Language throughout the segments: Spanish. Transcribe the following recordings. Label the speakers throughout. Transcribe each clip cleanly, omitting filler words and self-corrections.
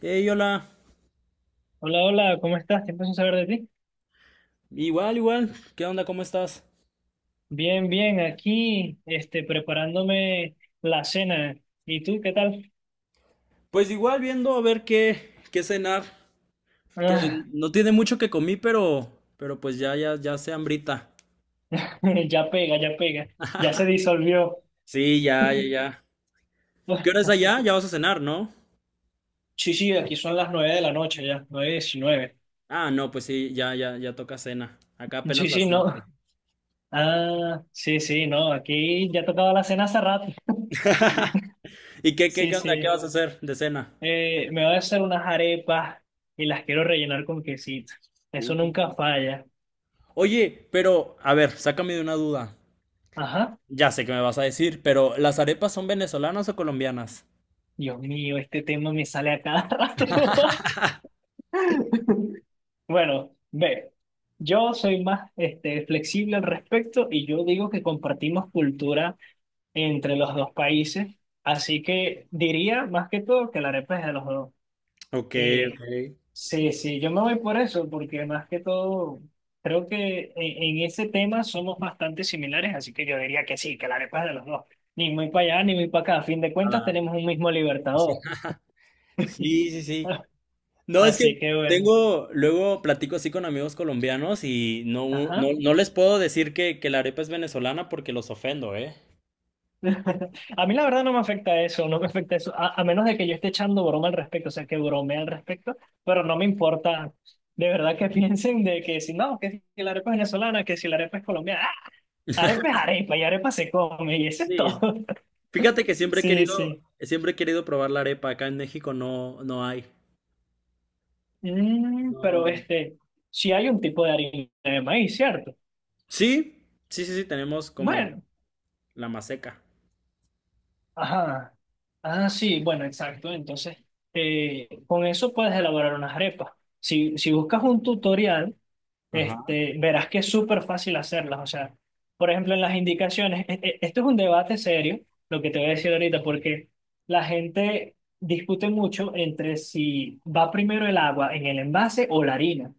Speaker 1: Hey, hola.
Speaker 2: Hola, hola, ¿cómo estás? Tiempo sin saber de ti.
Speaker 1: Igual, igual. ¿Qué onda? ¿Cómo estás?
Speaker 2: Bien, bien, aquí, preparándome la cena. ¿Y tú qué tal?
Speaker 1: Pues igual viendo a ver qué cenar. Que
Speaker 2: Ah,
Speaker 1: no tiene mucho que comí, pero pues ya, ya, ya se hambrita.
Speaker 2: ya pega, ya pega. Ya se disolvió.
Speaker 1: Sí, ya, ya, ya. ¿Qué hora es allá? Ya vas a cenar, ¿no?
Speaker 2: Sí, sí, aquí son las 9 de la noche ya, 9:19.
Speaker 1: Ah, no, pues sí, ya, ya, ya toca cena. Acá
Speaker 2: Sí,
Speaker 1: apenas las
Speaker 2: sí, no.
Speaker 1: 7.
Speaker 2: Ah, sí, sí, no, aquí ya tocaba la cena hace rato.
Speaker 1: ¿Y qué, qué,
Speaker 2: Sí,
Speaker 1: qué onda? ¿Qué
Speaker 2: sí.
Speaker 1: vas a hacer de cena?
Speaker 2: Me voy a hacer unas arepas y las quiero rellenar con quesito. Eso
Speaker 1: Uh.
Speaker 2: nunca falla.
Speaker 1: Oye, pero, a ver, sácame de una duda.
Speaker 2: Ajá.
Speaker 1: Ya sé que me vas a decir, pero ¿las arepas son venezolanas o colombianas?
Speaker 2: Dios mío, este tema me sale a cada rato. Bueno, ve, yo soy más flexible al respecto y yo digo que compartimos cultura entre los dos países, así que diría más que todo que la arepa es de los dos.
Speaker 1: Ok, ok.
Speaker 2: Eh, sí, sí, yo me voy por eso, porque más que todo creo que en ese tema somos bastante similares, así que yo diría que sí, que la arepa es de los dos. Ni muy para allá, ni muy para acá. A fin de
Speaker 1: A
Speaker 2: cuentas
Speaker 1: la-
Speaker 2: tenemos un mismo libertador.
Speaker 1: Sí, sí, sí. No, es que
Speaker 2: Así que bueno,
Speaker 1: tengo, luego platico así con amigos colombianos y no, no,
Speaker 2: ajá.
Speaker 1: no les puedo decir que la arepa es venezolana porque los ofendo, ¿eh?
Speaker 2: A mí la verdad no me afecta eso, no me afecta eso, a menos de que yo esté echando broma al respecto, o sea, que bromee al respecto, pero no me importa de verdad que piensen de que si no, que si la arepa es venezolana, que si la arepa es colombiana, ¡ah! Arepa es arepa y arepa se come y eso es todo.
Speaker 1: Sí, fíjate que
Speaker 2: Sí, sí.
Speaker 1: siempre he querido probar la arepa, acá en México no, no hay. No.
Speaker 2: Pero si hay un tipo de harina de maíz, ¿cierto?
Speaker 1: Sí, sí, sí, sí, tenemos como
Speaker 2: Bueno,
Speaker 1: la maseca.
Speaker 2: ajá. Ah, sí, bueno, exacto. Entonces, con eso puedes elaborar unas arepas. Si buscas un tutorial,
Speaker 1: Ajá.
Speaker 2: verás que es súper fácil hacerlas. O sea, por ejemplo, en las indicaciones, esto es un debate serio, lo que te voy a decir ahorita, porque la gente discute mucho entre si va primero el agua en el envase o la harina.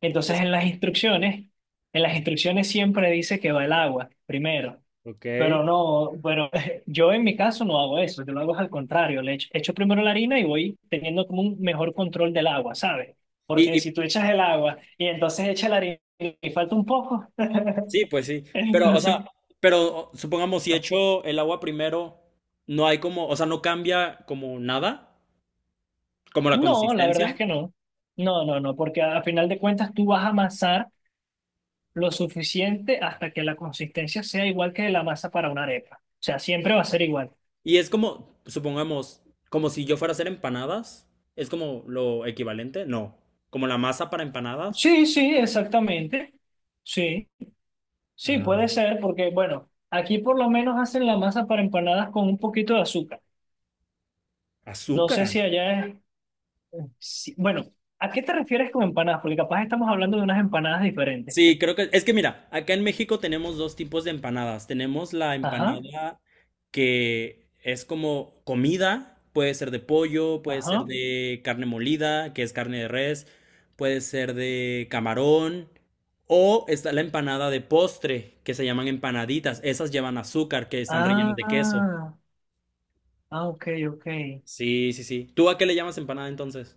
Speaker 2: Entonces,
Speaker 1: Es-
Speaker 2: en las instrucciones siempre dice que va el agua primero.
Speaker 1: ok.
Speaker 2: Pero no, bueno, yo en mi caso no hago eso, yo lo hago al contrario, le echo, echo primero la harina y voy teniendo como un mejor control del agua, ¿sabes? Porque
Speaker 1: Y
Speaker 2: si tú echas el agua y entonces echas la harina y falta un poco,
Speaker 1: sí, pues sí, pero, o
Speaker 2: entonces,
Speaker 1: sea, supongamos si echo el agua primero, no hay como, o sea, no cambia como nada, como la
Speaker 2: no, la
Speaker 1: consistencia.
Speaker 2: verdad es que no. No, no, no, porque a final de cuentas tú vas a amasar lo suficiente hasta que la consistencia sea igual que la masa para una arepa. O sea, siempre va a ser igual.
Speaker 1: Y es como, supongamos, como si yo fuera a hacer empanadas. Es como lo equivalente, no. Como la masa para empanadas.
Speaker 2: Sí, sí, exactamente. Sí. Sí,
Speaker 1: Ah.
Speaker 2: puede ser, porque bueno, aquí por lo menos hacen la masa para empanadas con un poquito de azúcar. No sé
Speaker 1: Azúcar.
Speaker 2: si allá es... bueno, ¿a qué te refieres con empanadas? Porque capaz estamos hablando de unas empanadas diferentes.
Speaker 1: Sí, creo que es que mira, acá en México tenemos dos tipos de empanadas. Tenemos la
Speaker 2: Ajá,
Speaker 1: empanada que es como comida, puede ser de pollo, puede ser
Speaker 2: ajá.
Speaker 1: de carne molida, que es carne de res, puede ser de camarón, o está la empanada de postre, que se llaman empanaditas. Esas llevan azúcar, que están rellenas de queso.
Speaker 2: Ah, ah, ok, ok.
Speaker 1: Sí, sí, sí. ¿Tú a qué le llamas empanada entonces?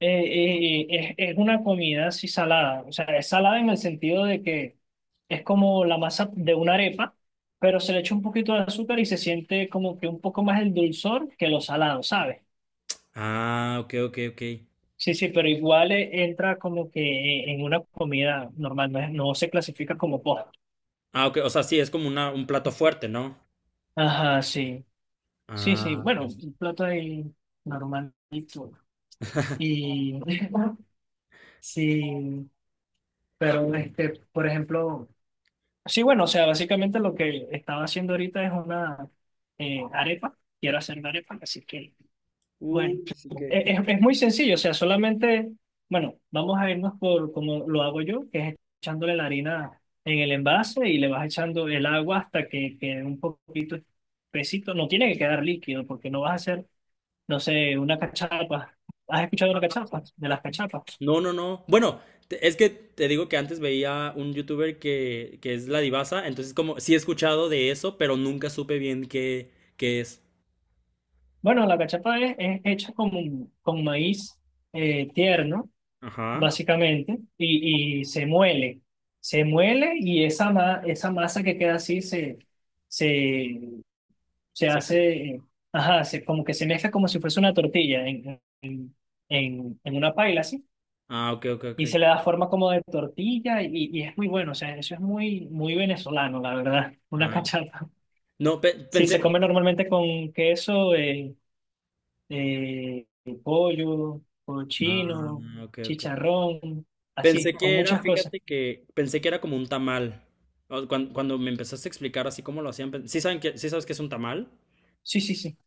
Speaker 2: Es una comida así salada. O sea, es salada en el sentido de que es como la masa de una arepa, pero se le echa un poquito de azúcar y se siente como que un poco más el dulzor que lo salado, ¿sabes?
Speaker 1: Ah, ok, ok, ok.
Speaker 2: Sí, sí, pero igual entra como que en una comida normal, no, no se clasifica como postre.
Speaker 1: Ah, ok, o sea, sí, es como una, un plato fuerte, ¿no?
Speaker 2: Ajá, sí. Sí, sí,
Speaker 1: Ah,
Speaker 2: bueno,
Speaker 1: ok.
Speaker 2: un plato ahí normalito. Y sí, pero por ejemplo, sí, bueno, o sea, básicamente lo que estaba haciendo ahorita es una arepa. Quiero hacer una arepa, así que bueno,
Speaker 1: Sí que.
Speaker 2: es muy sencillo, o sea, solamente, bueno, vamos a irnos por como lo hago yo, que es echándole la harina en el envase y le vas echando el agua hasta que quede un poquito espesito. No tiene que quedar líquido porque no vas a hacer, no sé, una cachapa. ¿Has escuchado una cachapa? De las cachapas.
Speaker 1: No, no, no. Bueno, es que te digo que antes veía un youtuber que es La Divasa. Entonces como sí he escuchado de eso, pero nunca supe bien qué es.
Speaker 2: Bueno, la cachapa es hecha con maíz tierno
Speaker 1: Ajá.
Speaker 2: básicamente, y se muele. Se muele y esa, esa masa que queda así se, se, se
Speaker 1: Exacto.
Speaker 2: hace, ajá, se, como que se mezcla como si fuese una tortilla en una paila, así,
Speaker 1: Ah, ok, ok, ok.
Speaker 2: y, se le da forma como de tortilla y es muy bueno, o sea, eso es muy, muy venezolano, la verdad, una
Speaker 1: Ah,
Speaker 2: cachapa.
Speaker 1: no,
Speaker 2: Sí,
Speaker 1: pensé.
Speaker 2: se come normalmente con queso, eh, pollo,
Speaker 1: Ah,
Speaker 2: cochino,
Speaker 1: ok, ok.
Speaker 2: chicharrón,
Speaker 1: Pensé
Speaker 2: así, con
Speaker 1: que era,
Speaker 2: muchas cosas.
Speaker 1: fíjate que pensé que era como un tamal. Cuando me empezaste a explicar así cómo lo hacían, sí saben que, sí sabes que es un tamal.
Speaker 2: Sí, sí, sí.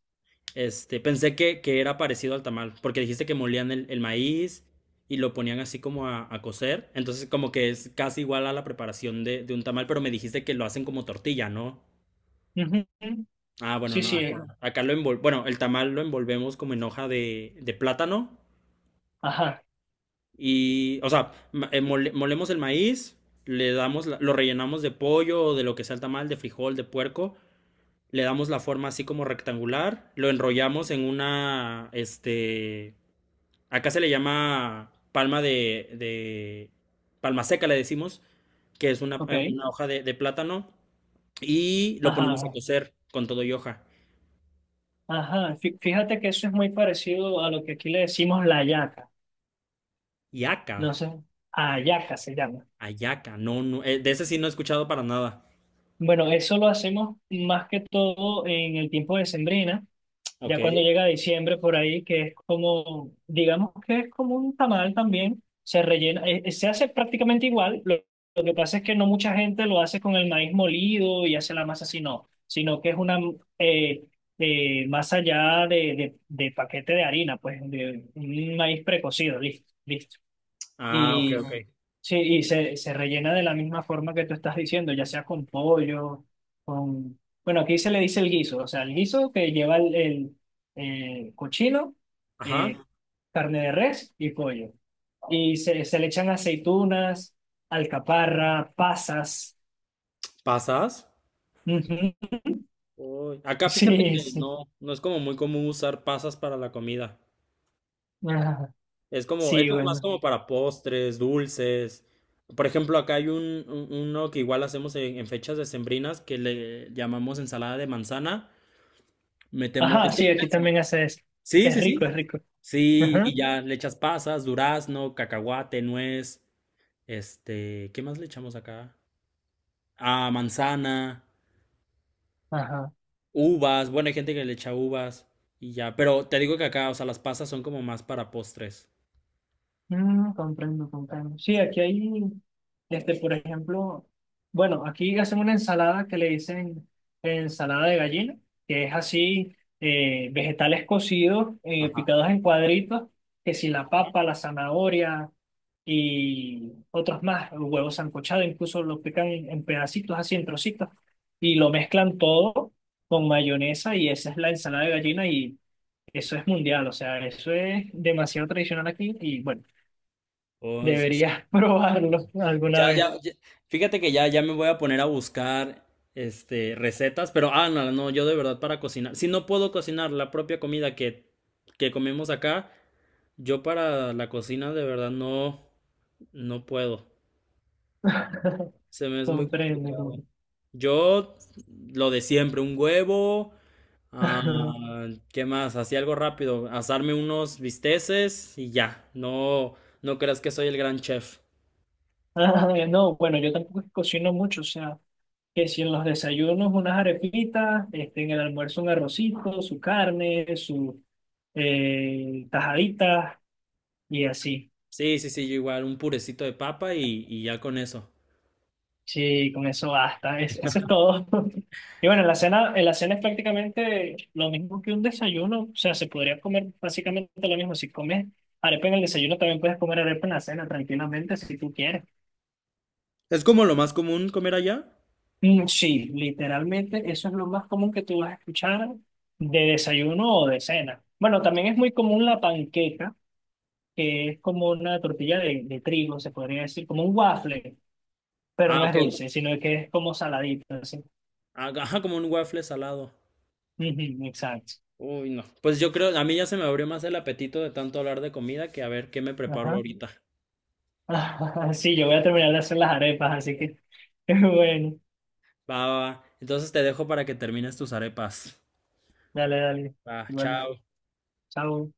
Speaker 1: Este, pensé que era parecido al tamal, porque dijiste que molían el maíz y lo ponían así como a cocer. Entonces, como que es casi igual a la preparación de un tamal, pero me dijiste que lo hacen como tortilla, ¿no?
Speaker 2: Ujú.
Speaker 1: Ah, bueno,
Speaker 2: Sí,
Speaker 1: no.
Speaker 2: sí.
Speaker 1: Ajá. Acá lo envol, bueno, el tamal lo envolvemos como en hoja de plátano.
Speaker 2: Ajá.
Speaker 1: Y, o sea, molemos el maíz, le damos, lo rellenamos de pollo o de lo que sea el tamal, de frijol, de puerco, le damos la forma así como rectangular, lo enrollamos en una, este, acá se le llama palma de, palma seca le decimos, que es
Speaker 2: Ok.
Speaker 1: una hoja de plátano, y lo
Speaker 2: Ajá.
Speaker 1: ponemos a
Speaker 2: Ajá.
Speaker 1: cocer con todo y hoja.
Speaker 2: Ajá. Fíjate que eso es muy parecido a lo que aquí le decimos la hallaca.
Speaker 1: Yaca,
Speaker 2: No sé. Hallaca se llama.
Speaker 1: ayaca, no, no, de ese sí no he escuchado para nada.
Speaker 2: Bueno, eso lo hacemos más que todo en el tiempo de sembrina.
Speaker 1: Ok.
Speaker 2: Ya cuando llega diciembre por ahí, que es como, digamos que es como un tamal también, se rellena, se hace prácticamente igual, lo que pasa es que no mucha gente lo hace con el maíz molido y hace la masa así, no, sino que es una eh, masa ya de paquete de harina, pues de un maíz precocido, listo, listo.
Speaker 1: Ah, ok,
Speaker 2: Y,
Speaker 1: ok.
Speaker 2: sí, y se rellena de la misma forma que tú estás diciendo, ya sea con pollo, con... Bueno, aquí se le dice el guiso, o sea, el guiso que lleva el cochino,
Speaker 1: Ajá,
Speaker 2: eh, carne de res y pollo. Y se le echan aceitunas, alcaparra, pasas.
Speaker 1: pasas.
Speaker 2: Ujú.
Speaker 1: Uy, acá fíjate
Speaker 2: Sí,
Speaker 1: que
Speaker 2: sí.
Speaker 1: no, no es como muy común usar pasas para la comida.
Speaker 2: Ajá.
Speaker 1: Es como,
Speaker 2: Sí,
Speaker 1: esto es más
Speaker 2: bueno.
Speaker 1: como para postres, dulces. Por ejemplo, acá hay un, uno que igual hacemos en fechas decembrinas que le llamamos ensalada de manzana. Metemos,
Speaker 2: Ajá,
Speaker 1: es
Speaker 2: sí,
Speaker 1: como una
Speaker 2: aquí
Speaker 1: ensalada.
Speaker 2: también hace eso.
Speaker 1: Sí,
Speaker 2: Es
Speaker 1: sí, sí.
Speaker 2: rico, es rico.
Speaker 1: Sí,
Speaker 2: Ajá.
Speaker 1: y ya le echas pasas, durazno, cacahuate, nuez, este, ¿qué más le echamos acá? Ah, manzana.
Speaker 2: Ajá.
Speaker 1: Uvas, bueno, hay gente que le echa uvas y ya, pero te digo que acá, o sea, las pasas son como más para postres.
Speaker 2: Comprendo, comprendo. Sí, aquí hay, por ejemplo, bueno, aquí hacen una ensalada que le dicen ensalada de gallina, que es así, vegetales cocidos,
Speaker 1: Ajá.
Speaker 2: picados en cuadritos, que si la papa, la zanahoria y otros más, huevos sancochado, incluso lo pican en pedacitos, así en trocitos, y lo mezclan todo con mayonesa y esa es la ensalada de gallina y eso es mundial, o sea, eso es demasiado tradicional aquí y bueno.
Speaker 1: O s-
Speaker 2: Deberías probarlo alguna
Speaker 1: ya,
Speaker 2: vez.
Speaker 1: ya, ya- fíjate que ya, ya me voy a poner a buscar, este, recetas, pero, ah, no, no, yo de verdad para cocinar, si no puedo cocinar la propia comida que comemos acá, yo para la cocina de verdad no, no puedo. Se me es muy
Speaker 2: Comprende.
Speaker 1: complicado.
Speaker 2: Comprende.
Speaker 1: Yo, lo de siempre, un huevo, ah, ¿qué más? Así algo rápido, asarme unos bisteces y ya. No, no creas que soy el gran chef.
Speaker 2: Ah, no, bueno, yo tampoco es que cocino mucho, o sea, que si en los desayunos unas arepitas, en el almuerzo un arrocito, su carne, su tajadita y así.
Speaker 1: Sí, sí, sí, yo igual, un purecito de papa y ya con eso.
Speaker 2: Sí, con eso basta, eso es todo. Y bueno, en la cena es prácticamente lo mismo que un desayuno, o sea, se podría comer básicamente lo mismo. Si comes arepa en el desayuno, también puedes comer arepa en la cena tranquilamente si tú quieres.
Speaker 1: ¿Es como lo más común comer allá?
Speaker 2: Mm, sí, literalmente eso es lo más común que tú vas a escuchar de desayuno o de cena. Bueno, también es muy común la panqueca, que es como una tortilla de trigo, se podría decir, como un waffle, pero
Speaker 1: Ah,
Speaker 2: no es
Speaker 1: ok.
Speaker 2: dulce, sino que es como saladito, así.
Speaker 1: Ah, ajá, como un waffle salado.
Speaker 2: Ujú, exacto.
Speaker 1: Uy, no. Pues yo creo, a mí ya se me abrió más el apetito de tanto hablar de comida que a ver qué me preparo
Speaker 2: Ajá.
Speaker 1: ahorita.
Speaker 2: Sí, yo voy a terminar de hacer las arepas, así que bueno,
Speaker 1: Va, va, va. Entonces te dejo para que termines tus arepas.
Speaker 2: dale, dale.
Speaker 1: Va,
Speaker 2: Igual,
Speaker 1: chao.
Speaker 2: chao.